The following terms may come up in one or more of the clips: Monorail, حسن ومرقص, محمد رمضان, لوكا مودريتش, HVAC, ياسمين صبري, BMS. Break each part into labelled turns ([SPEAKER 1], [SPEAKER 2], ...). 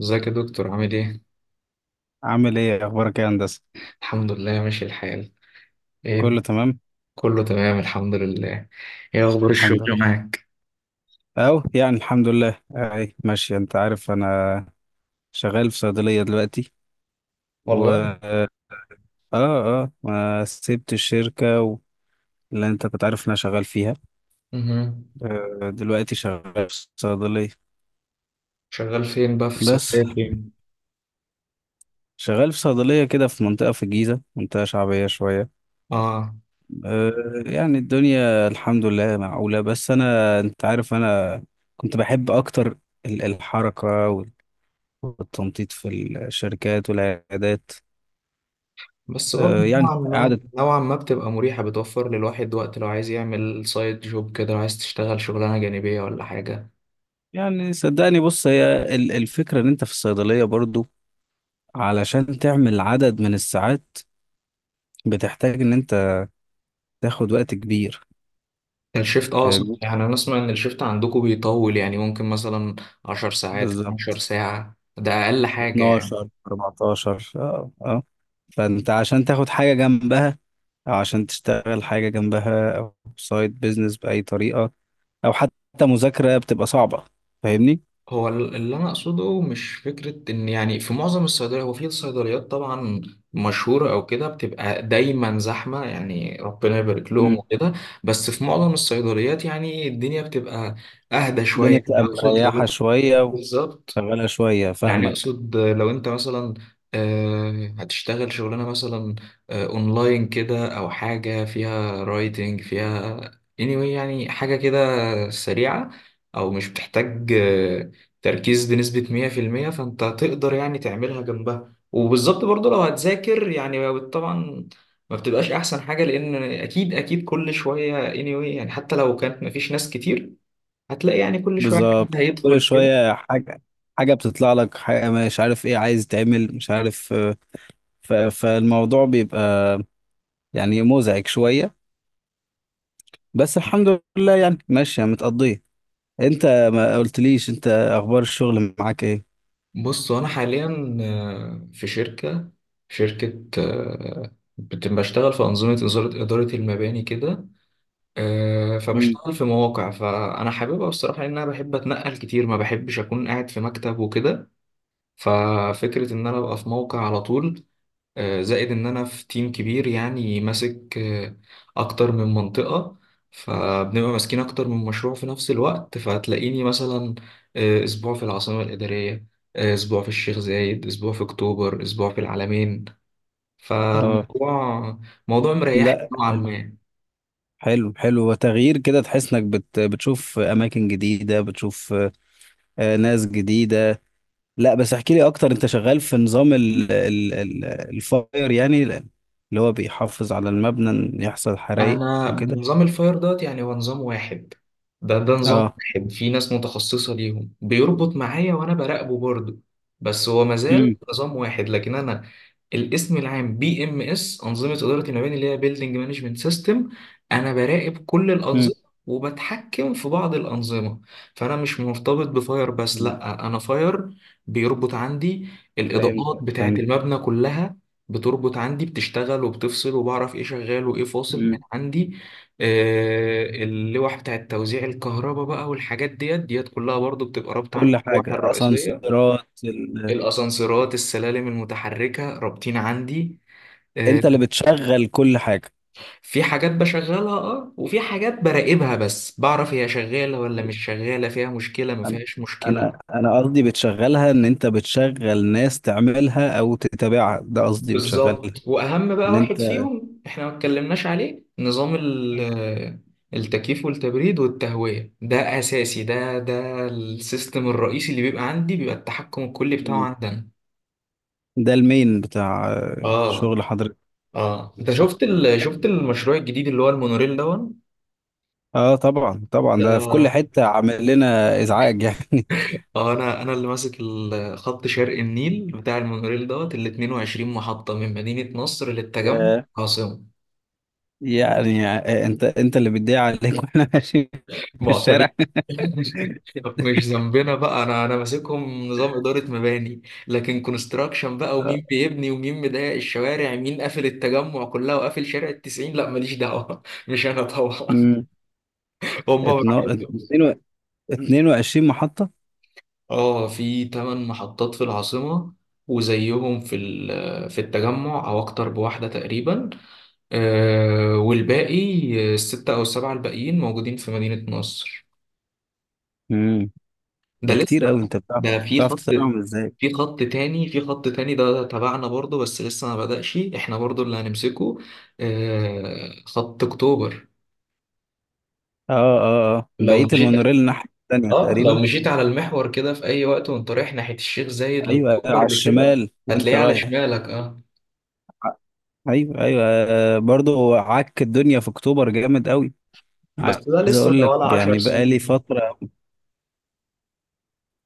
[SPEAKER 1] ازيك يا دكتور؟ عامل ايه؟
[SPEAKER 2] عامل ايه؟ اخبارك ايه يا هندسه؟
[SPEAKER 1] الحمد لله، ماشي الحال. ايه،
[SPEAKER 2] كله تمام.
[SPEAKER 1] كله تمام الحمد لله. ايه اخبار
[SPEAKER 2] الحمد
[SPEAKER 1] الشغل
[SPEAKER 2] لله،
[SPEAKER 1] معاك؟
[SPEAKER 2] اهو يعني الحمد لله اهي ماشي، انت عارف انا شغال في صيدليه دلوقتي. و
[SPEAKER 1] والله.
[SPEAKER 2] اه اه ما سبت الشركه اللي انت كنت عارف إن انا شغال فيها.
[SPEAKER 1] مهم.
[SPEAKER 2] دلوقتي شغال في صيدليه
[SPEAKER 1] شغال فين بقى؟ في
[SPEAKER 2] بس.
[SPEAKER 1] صيدلية فين؟
[SPEAKER 2] شغال في صيدليه كده، في منطقه في الجيزه، منطقه شعبيه شويه.
[SPEAKER 1] اه.
[SPEAKER 2] آه، يعني الدنيا الحمد لله معقوله، بس انا انت عارف انا كنت بحب اكتر الحركه والتنطيط في الشركات والعيادات.
[SPEAKER 1] بس برضه نوعا
[SPEAKER 2] يعني
[SPEAKER 1] ما
[SPEAKER 2] قعدت.
[SPEAKER 1] نوعا ما بتبقى مريحة، بتوفر للواحد وقت لو عايز يعمل سايد جوب كده، لو عايز تشتغل شغلانة جانبية ولا حاجة.
[SPEAKER 2] يعني صدقني بص، هي الفكرة ان انت في الصيدلية برضو علشان تعمل عدد من الساعات بتحتاج ان انت تاخد وقت كبير،
[SPEAKER 1] الشيفت، اه صح،
[SPEAKER 2] فاهمني؟
[SPEAKER 1] يعني انا اسمع ان الشيفت عندكم بيطول، يعني ممكن مثلا 10 ساعات 12
[SPEAKER 2] بالظبط،
[SPEAKER 1] ساعة ده اقل حاجة يعني.
[SPEAKER 2] 12 14. اه فانت عشان تاخد حاجة جنبها او عشان تشتغل حاجة جنبها او سايد بيزنس بأي طريقة، او حتى مذاكرة بتبقى صعبة، فاهمني؟
[SPEAKER 1] هو اللي انا اقصده، مش فكره ان يعني في معظم الصيدليات، هو في صيدليات طبعا مشهوره او كده بتبقى دايما زحمه، يعني ربنا يبارك لهم
[SPEAKER 2] مم.
[SPEAKER 1] وكده، بس في معظم الصيدليات يعني الدنيا بتبقى اهدى شويه.
[SPEAKER 2] الدنيا
[SPEAKER 1] يعني
[SPEAKER 2] بتبقى
[SPEAKER 1] اقصد
[SPEAKER 2] مريحة
[SPEAKER 1] لو،
[SPEAKER 2] شوية،
[SPEAKER 1] بالظبط،
[SPEAKER 2] شغالة شوية،
[SPEAKER 1] يعني
[SPEAKER 2] فاهمك.
[SPEAKER 1] اقصد لو انت مثلا هتشتغل شغلانه مثلا اونلاين كده او حاجه فيها رايتنج، فيها anyway يعني حاجه كده سريعه، او مش بتحتاج تركيز بنسبه 100%، فانت هتقدر يعني تعملها جنبها. وبالظبط برضو لو هتذاكر، يعني طبعا ما بتبقاش احسن حاجه، لان اكيد اكيد كل شويه anyway يعني حتى لو كانت مفيش ناس كتير، هتلاقي يعني كل شويه حد
[SPEAKER 2] بالظبط، كل
[SPEAKER 1] هيدخل.
[SPEAKER 2] شوية حاجة بتطلع لك حاجة، مش عارف ايه عايز تعمل، مش عارف. فالموضوع بيبقى يعني مزعج شوية، بس الحمد لله يعني ماشية متقضية. انت ما قلتليش، انت اخبار الشغل معاك ايه؟
[SPEAKER 1] بص انا حاليا في شركه، شركه، بشتغل في اداره المباني كده.
[SPEAKER 2] مم.
[SPEAKER 1] فبشتغل في مواقع، فانا حاببها بصراحه لان انا بحب اتنقل كتير، ما بحبش اكون قاعد في مكتب وكده. ففكره ان انا ابقى في موقع على طول، زائد ان انا في تيم كبير، يعني ماسك اكتر من منطقة. فبنبقى ماسكين اكتر من مشروع في نفس الوقت، فهتلاقيني مثلا اسبوع في العاصمة الإدارية، اسبوع في الشيخ زايد، اسبوع في اكتوبر، اسبوع في العلمين.
[SPEAKER 2] اه،
[SPEAKER 1] فالموضوع موضوع مريح
[SPEAKER 2] لا،
[SPEAKER 1] نوعا
[SPEAKER 2] حلو.
[SPEAKER 1] ما.
[SPEAKER 2] حلو حلو وتغيير كده، تحس انك بتشوف اماكن جديدة، بتشوف ناس جديدة. لا بس احكي لي اكتر، انت شغال في نظام ال ال ال الفاير يعني اللي هو بيحافظ على المبنى إن يحصل حرائق
[SPEAKER 1] انا
[SPEAKER 2] وكده؟
[SPEAKER 1] نظام الفاير دوت، يعني هو نظام واحد. ده نظام
[SPEAKER 2] اه.
[SPEAKER 1] واحد، في ناس متخصصة ليهم بيربط معايا وانا براقبه برضه. بس هو مازال
[SPEAKER 2] امم.
[SPEAKER 1] نظام واحد. لكن انا الاسم العام بي ام اس، انظمه اداره المباني، اللي هي بيلدنج مانجمنت سيستم. انا براقب كل
[SPEAKER 2] امم.
[SPEAKER 1] الانظمه، وبتحكم في بعض الانظمه. فانا مش مرتبط بفاير بس،
[SPEAKER 2] مم.
[SPEAKER 1] لا، انا فاير بيربط عندي الاضاءات
[SPEAKER 2] فهمت
[SPEAKER 1] بتاعه
[SPEAKER 2] فهمت.
[SPEAKER 1] المبنى كلها، بتربط عندي، بتشتغل وبتفصل، وبعرف ايه شغال وايه فاصل من
[SPEAKER 2] امم.
[SPEAKER 1] عندي. اللوح بتاعه توزيع الكهرباء بقى والحاجات ديت ديت كلها برضو بتبقى رابطه عندي
[SPEAKER 2] كل
[SPEAKER 1] اللوحه
[SPEAKER 2] حاجة،
[SPEAKER 1] الرئيسيه.
[SPEAKER 2] اسانسيرات
[SPEAKER 1] الاسانسيرات، السلالم المتحركه، رابطين عندي. آه،
[SPEAKER 2] انت اللي بتشغل كل حاجة؟
[SPEAKER 1] في حاجات بشغلها اه، وفي حاجات براقبها بس، بعرف هي شغالة ولا
[SPEAKER 2] أيوة.
[SPEAKER 1] مش شغالة، فيها مشكلة ما
[SPEAKER 2] انا
[SPEAKER 1] فيهاش مشكلة.
[SPEAKER 2] انا أنا قصدي بتشغلها ان انت بتشغل ناس تعملها او تتابعها، ده قصدي بتشغلها
[SPEAKER 1] بالظبط. واهم بقى
[SPEAKER 2] ان
[SPEAKER 1] واحد
[SPEAKER 2] انت.
[SPEAKER 1] فيهم احنا ما اتكلمناش عليه، نظام التكييف والتبريد والتهوية. ده اساسي، ده السيستم الرئيسي اللي بيبقى عندي، بيبقى التحكم الكلي بتاعه
[SPEAKER 2] أمم.
[SPEAKER 1] عندنا.
[SPEAKER 2] ده المين بتاع
[SPEAKER 1] اه،
[SPEAKER 2] شغل حضرتك؟
[SPEAKER 1] اه. انت شفت شفت المشروع الجديد اللي هو المونوريل ده؟
[SPEAKER 2] اه طبعا طبعا، ده في كل
[SPEAKER 1] ده
[SPEAKER 2] حتة عامل لنا ازعاج يعني.
[SPEAKER 1] اه، انا اللي ماسك خط شرق النيل بتاع المونوريل دوت، ال 22 محطة من مدينة نصر للتجمع
[SPEAKER 2] ياه.
[SPEAKER 1] عاصمة.
[SPEAKER 2] يعني انت اللي بتضيع عليك واحنا ماشيين في الشارع.
[SPEAKER 1] معتمين. مش ذنبنا بقى، انا ماسكهم نظام إدارة مباني، لكن كونستراكشن بقى ومين
[SPEAKER 2] آه.
[SPEAKER 1] بيبني ومين مضايق الشوارع، مين قافل التجمع كلها وقافل شارع التسعين، لا ماليش دعوة. مش انا طبعا،
[SPEAKER 2] مم.
[SPEAKER 1] هم براحتهم.
[SPEAKER 2] اتنين 22 محطة.
[SPEAKER 1] اه، في ثمان محطات في العاصمة، وزيهم في في التجمع او اكتر بواحدة تقريبا. والباقي، الستة أو السبعة الباقيين موجودين في مدينة نصر.
[SPEAKER 2] امم،
[SPEAKER 1] ده
[SPEAKER 2] ده كتير
[SPEAKER 1] لسه.
[SPEAKER 2] قوي، انت بتعرف
[SPEAKER 1] ده في
[SPEAKER 2] بتعرف
[SPEAKER 1] خط،
[SPEAKER 2] تتابعهم ازاي؟
[SPEAKER 1] في خط تاني ده تبعنا برضه، بس لسه ما بدأش، احنا برضه اللي هنمسكه. خط أكتوبر.
[SPEAKER 2] اه اه اه،
[SPEAKER 1] لو
[SPEAKER 2] بقية
[SPEAKER 1] مشيت،
[SPEAKER 2] المونوريل الناحية التانية
[SPEAKER 1] اه لو
[SPEAKER 2] تقريبا.
[SPEAKER 1] مشيت على المحور كده في أي وقت وأنت رايح ناحية الشيخ زايد،
[SPEAKER 2] ايوه،
[SPEAKER 1] لأكتوبر
[SPEAKER 2] على
[SPEAKER 1] لكده،
[SPEAKER 2] الشمال وانت
[SPEAKER 1] هتلاقيه على
[SPEAKER 2] رايح.
[SPEAKER 1] شمالك، اه.
[SPEAKER 2] ايوه ايوه، برضه هو عك الدنيا في اكتوبر جامد قوي.
[SPEAKER 1] بس
[SPEAKER 2] عايز
[SPEAKER 1] ده لسه
[SPEAKER 2] اقول
[SPEAKER 1] ده
[SPEAKER 2] لك
[SPEAKER 1] ولا عشر
[SPEAKER 2] يعني
[SPEAKER 1] سنين.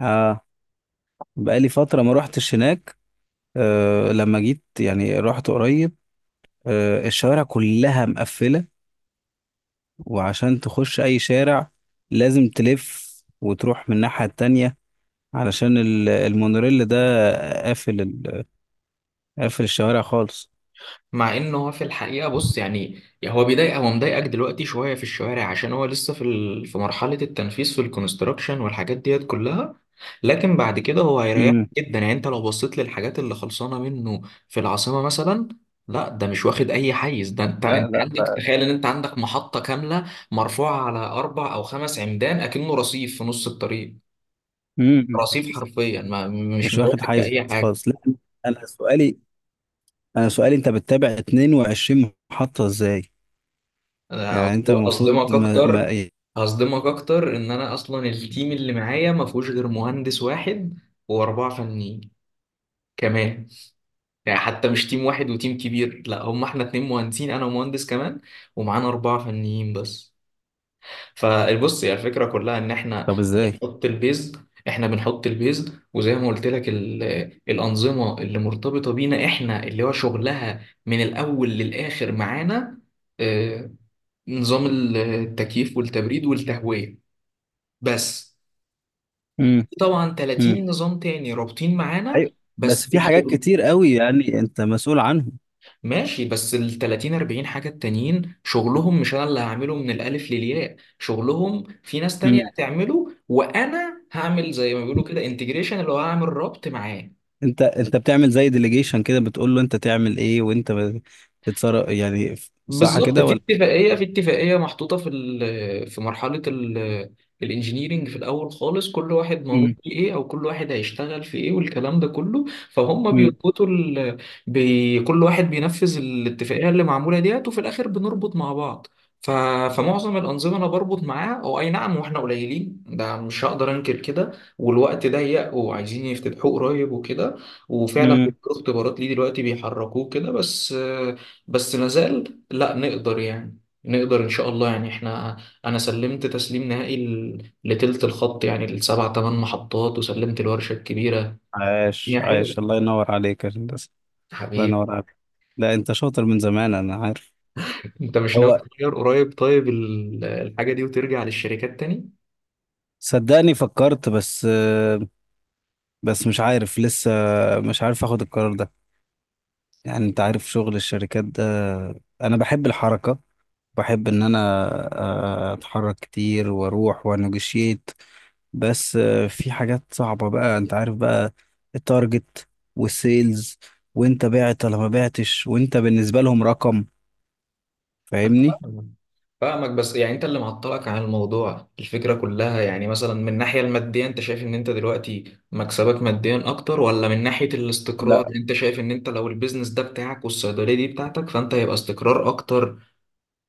[SPEAKER 2] اه بقالي فترة ما روحتش هناك. أه لما جيت يعني رحت قريب. أه الشوارع كلها مقفلة، وعشان تخش أي شارع لازم تلف وتروح من الناحية التانية علشان المونوريل ده قافل الشوارع خالص.
[SPEAKER 1] مع ان هو في الحقيقه، بص يعني، يعني هو بيضايق، هو مضايقك دلوقتي شويه في الشوارع عشان هو لسه في مرحله التنفيذ، في الكونستراكشن والحاجات ديت كلها. لكن بعد كده هو هيريحك
[SPEAKER 2] مم.
[SPEAKER 1] جدا، يعني انت لو بصيت للحاجات اللي خلصانه منه في العاصمه مثلا، لا ده مش واخد اي حيز. ده انت،
[SPEAKER 2] لا
[SPEAKER 1] انت
[SPEAKER 2] لا
[SPEAKER 1] عندك
[SPEAKER 2] بقى.
[SPEAKER 1] تخيل ان انت عندك محطه كامله مرفوعه على اربع او خمس عمدان، اكنه رصيف في نص الطريق،
[SPEAKER 2] مم. مم.
[SPEAKER 1] رصيف
[SPEAKER 2] مش
[SPEAKER 1] حرفيا ما مش
[SPEAKER 2] مش واخد
[SPEAKER 1] مضايقك في
[SPEAKER 2] حيز
[SPEAKER 1] اي حاجه.
[SPEAKER 2] خالص لا. أنا سؤالي أنا سؤالي أنت بتتابع 22 محطة إزاي؟
[SPEAKER 1] انا
[SPEAKER 2] يعني أنت المفروض
[SPEAKER 1] هصدمك
[SPEAKER 2] ما... ما...
[SPEAKER 1] اكتر،
[SPEAKER 2] إيه؟
[SPEAKER 1] هصدمك اكتر ان انا اصلا التيم اللي معايا ما فيهوش غير مهندس واحد واربعه فنيين كمان. يعني حتى مش تيم واحد وتيم كبير، لا، هم احنا اتنين مهندسين، انا ومهندس كمان، ومعانا اربعه فنيين بس. فبص، هي الفكره كلها ان احنا
[SPEAKER 2] طب إزاي؟
[SPEAKER 1] بنحط البيز. وزي ما قلت لك، الانظمه اللي مرتبطه بينا احنا، اللي هو شغلها من الاول للاخر معانا، آه، نظام التكييف والتبريد والتهوية بس.
[SPEAKER 2] مم.
[SPEAKER 1] طبعا
[SPEAKER 2] مم.
[SPEAKER 1] 30 نظام تاني رابطين معانا،
[SPEAKER 2] ايوه،
[SPEAKER 1] بس
[SPEAKER 2] بس
[SPEAKER 1] مش
[SPEAKER 2] في حاجات
[SPEAKER 1] شغل.
[SPEAKER 2] كتير قوي يعني انت مسؤول عنهم.
[SPEAKER 1] ماشي، بس ال 30 40 حاجة التانيين، شغلهم مش انا اللي هعمله من الالف للياء، شغلهم في ناس تانية
[SPEAKER 2] امم.
[SPEAKER 1] هتعمله، وانا هعمل زي ما بيقولوا كده انتجريشن، اللي هو هعمل ربط معاه.
[SPEAKER 2] انت بتعمل زي ديليجيشن كده، بتقول له انت تعمل ايه وانت بتتصرف يعني، صح
[SPEAKER 1] بالظبط،
[SPEAKER 2] كده
[SPEAKER 1] في
[SPEAKER 2] ولا؟
[SPEAKER 1] اتفاقيه، في اتفاقيه محطوطه في في مرحله الانجينيرينج في الاول خالص، كل واحد منوط
[SPEAKER 2] امم.
[SPEAKER 1] في ايه، او كل واحد هيشتغل في ايه، والكلام ده كله. فهم
[SPEAKER 2] امم.
[SPEAKER 1] بيربطوا ال... بي... كل واحد بينفذ الاتفاقيه اللي معموله ديت، وفي الاخر بنربط مع بعض. ف... فمعظم الانظمه انا بربط معاها، او اي نعم، واحنا قليلين ده مش هقدر انكر كده، والوقت ضيق وعايزين يفتتحوه قريب وكده، وفعلا
[SPEAKER 2] امم.
[SPEAKER 1] بيجروا اختبارات ليه دلوقتي، بيحركوه كده بس. بس ما زال لا نقدر، يعني نقدر ان شاء الله، يعني احنا انا سلمت تسليم نهائي لتلت الخط، يعني السبع ثمان محطات، وسلمت الورشة الكبيرة.
[SPEAKER 2] عاش
[SPEAKER 1] يا
[SPEAKER 2] عاش،
[SPEAKER 1] حلو،
[SPEAKER 2] الله ينور عليك يا هندسة، الله
[SPEAKER 1] حبيبي.
[SPEAKER 2] ينور عليك. لا انت شاطر من زمان انا عارف.
[SPEAKER 1] انت مش ناوي
[SPEAKER 2] هو،
[SPEAKER 1] تغير قريب طيب الحاجة دي، وترجع للشركات تاني؟
[SPEAKER 2] صدقني فكرت، بس بس مش عارف لسه، مش عارف اخد القرار ده. يعني انت عارف شغل الشركات ده، انا بحب الحركة، بحب ان انا اتحرك كتير واروح وانجشيت. بس في حاجات صعبة بقى، انت عارف بقى، التارجت والسيلز، وانت بعت ولا ما بعتش، وانت بالنسبة لهم رقم، فاهمني؟
[SPEAKER 1] فاهمك، فاهمك، بس يعني انت اللي معطلك عن الموضوع، الفكرة كلها، يعني مثلا من الناحية المادية انت شايف ان انت دلوقتي مكسبك ماديا اكتر، ولا من ناحية الاستقرار
[SPEAKER 2] لا
[SPEAKER 1] انت شايف ان انت لو البيزنس ده بتاعك والصيدلية دي بتاعتك فانت هيبقى استقرار اكتر،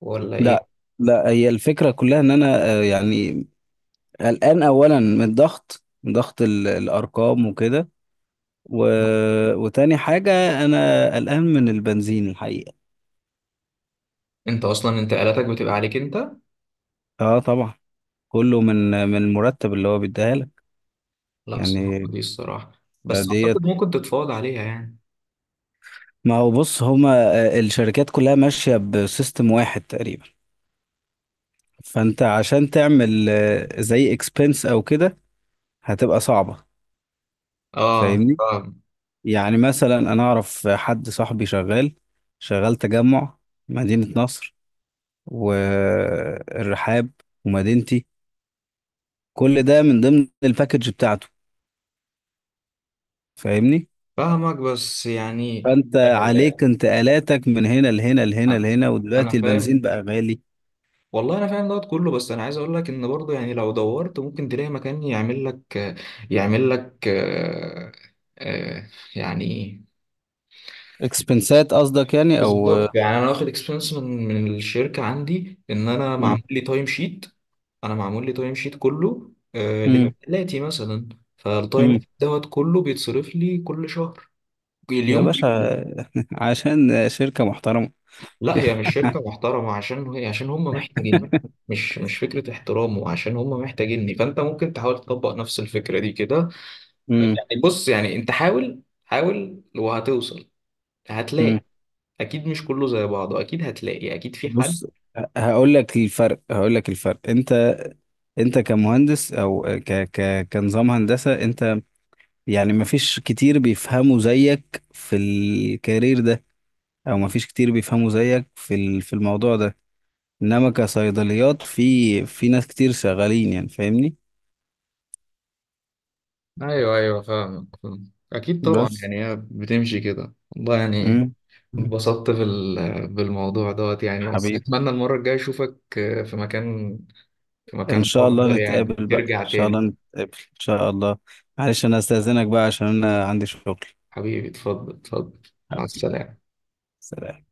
[SPEAKER 1] ولا
[SPEAKER 2] لا
[SPEAKER 1] ايه؟
[SPEAKER 2] لا، هي الفكرة كلها ان انا يعني قلقان اولا من الضغط، من ضغط الارقام وكده. و... وتاني حاجة، انا قلقان من البنزين الحقيقة.
[SPEAKER 1] انت اصلا انتقالاتك بتبقى عليك انت.
[SPEAKER 2] اه طبعا، كله من المرتب اللي هو بيديها لك
[SPEAKER 1] لا، الصراحه
[SPEAKER 2] يعني
[SPEAKER 1] دي الصراحه، بس
[SPEAKER 2] ديت.
[SPEAKER 1] اعتقد ممكن تتفاوض عليها يعني.
[SPEAKER 2] ما هو بص هما الشركات كلها ماشية بسيستم واحد تقريبا، فانت عشان تعمل زي اكسبنس او كده، هتبقى صعبة،
[SPEAKER 1] اه
[SPEAKER 2] فاهمني؟
[SPEAKER 1] فاهم.
[SPEAKER 2] يعني مثلا انا اعرف حد صاحبي شغال، شغال تجمع، مدينة نصر، والرحاب، ومدينتي، كل ده من ضمن الباكج بتاعته، فاهمني؟
[SPEAKER 1] فاهمك، بس يعني،
[SPEAKER 2] فانت
[SPEAKER 1] آه،
[SPEAKER 2] عليك انتقالاتك من هنا لهنا لهنا
[SPEAKER 1] انا
[SPEAKER 2] لهنا، ودلوقتي
[SPEAKER 1] أنا فاهم،
[SPEAKER 2] البنزين بقى غالي.
[SPEAKER 1] والله انا فاهم دوت كله، بس انا عايز اقول لك ان برضه يعني لو دورت ممكن تلاقي مكان يعمل لك، يعمل لك آه، يعني،
[SPEAKER 2] اكسبنسات قصدك يعني او.
[SPEAKER 1] بالظبط. يعني انا واخد اكسبيرينس من الشركه عندي، ان انا
[SPEAKER 2] مم.
[SPEAKER 1] معمول لي تايم شيت. انا معمول لي تايم شيت كله آه
[SPEAKER 2] مم.
[SPEAKER 1] لدلاتي مثلا. فالتايم
[SPEAKER 2] مم.
[SPEAKER 1] شيت دوت كله بيتصرف لي كل شهر،
[SPEAKER 2] يا
[SPEAKER 1] اليوم
[SPEAKER 2] باشا
[SPEAKER 1] بيومه.
[SPEAKER 2] عشان شركة محترمة.
[SPEAKER 1] لا، هي مش شركه محترمه عشان هي، عشان هم محتاجيني. مش فكره احترام، وعشان هم محتاجيني فانت ممكن تحاول تطبق نفس الفكره دي كده.
[SPEAKER 2] مم.
[SPEAKER 1] يعني بص يعني انت حاول حاول وهتوصل، هتلاقي،
[SPEAKER 2] مم.
[SPEAKER 1] اكيد مش كله زي بعضه، اكيد هتلاقي، اكيد في حد.
[SPEAKER 2] بص، هقول لك الفرق، انت كمهندس او ك ك كنظام هندسة انت، يعني ما فيش كتير بيفهموا زيك في الكارير ده، او ما فيش كتير بيفهموا زيك في في الموضوع ده، انما كصيدليات في ناس كتير شغالين يعني، فاهمني؟
[SPEAKER 1] ايوه ايوه، فاهمك فاهمك. اكيد طبعا،
[SPEAKER 2] بس.
[SPEAKER 1] يعني هي بتمشي كده والله يعني.
[SPEAKER 2] مم. مم.
[SPEAKER 1] اتبسطت بالموضوع دوت يعني، بس
[SPEAKER 2] حبيبي،
[SPEAKER 1] اتمنى المره الجايه اشوفك في مكان، في
[SPEAKER 2] ان
[SPEAKER 1] مكان
[SPEAKER 2] شاء الله
[SPEAKER 1] افضل يعني،
[SPEAKER 2] نتقابل بقى، ان
[SPEAKER 1] ترجع
[SPEAKER 2] شاء الله
[SPEAKER 1] تاني.
[SPEAKER 2] نتقابل ان شاء الله. معلش انا استاذنك بقى عشان انا عندي شغل.
[SPEAKER 1] حبيبي، اتفضل اتفضل، مع
[SPEAKER 2] حبيبي،
[SPEAKER 1] السلامه.
[SPEAKER 2] سلام.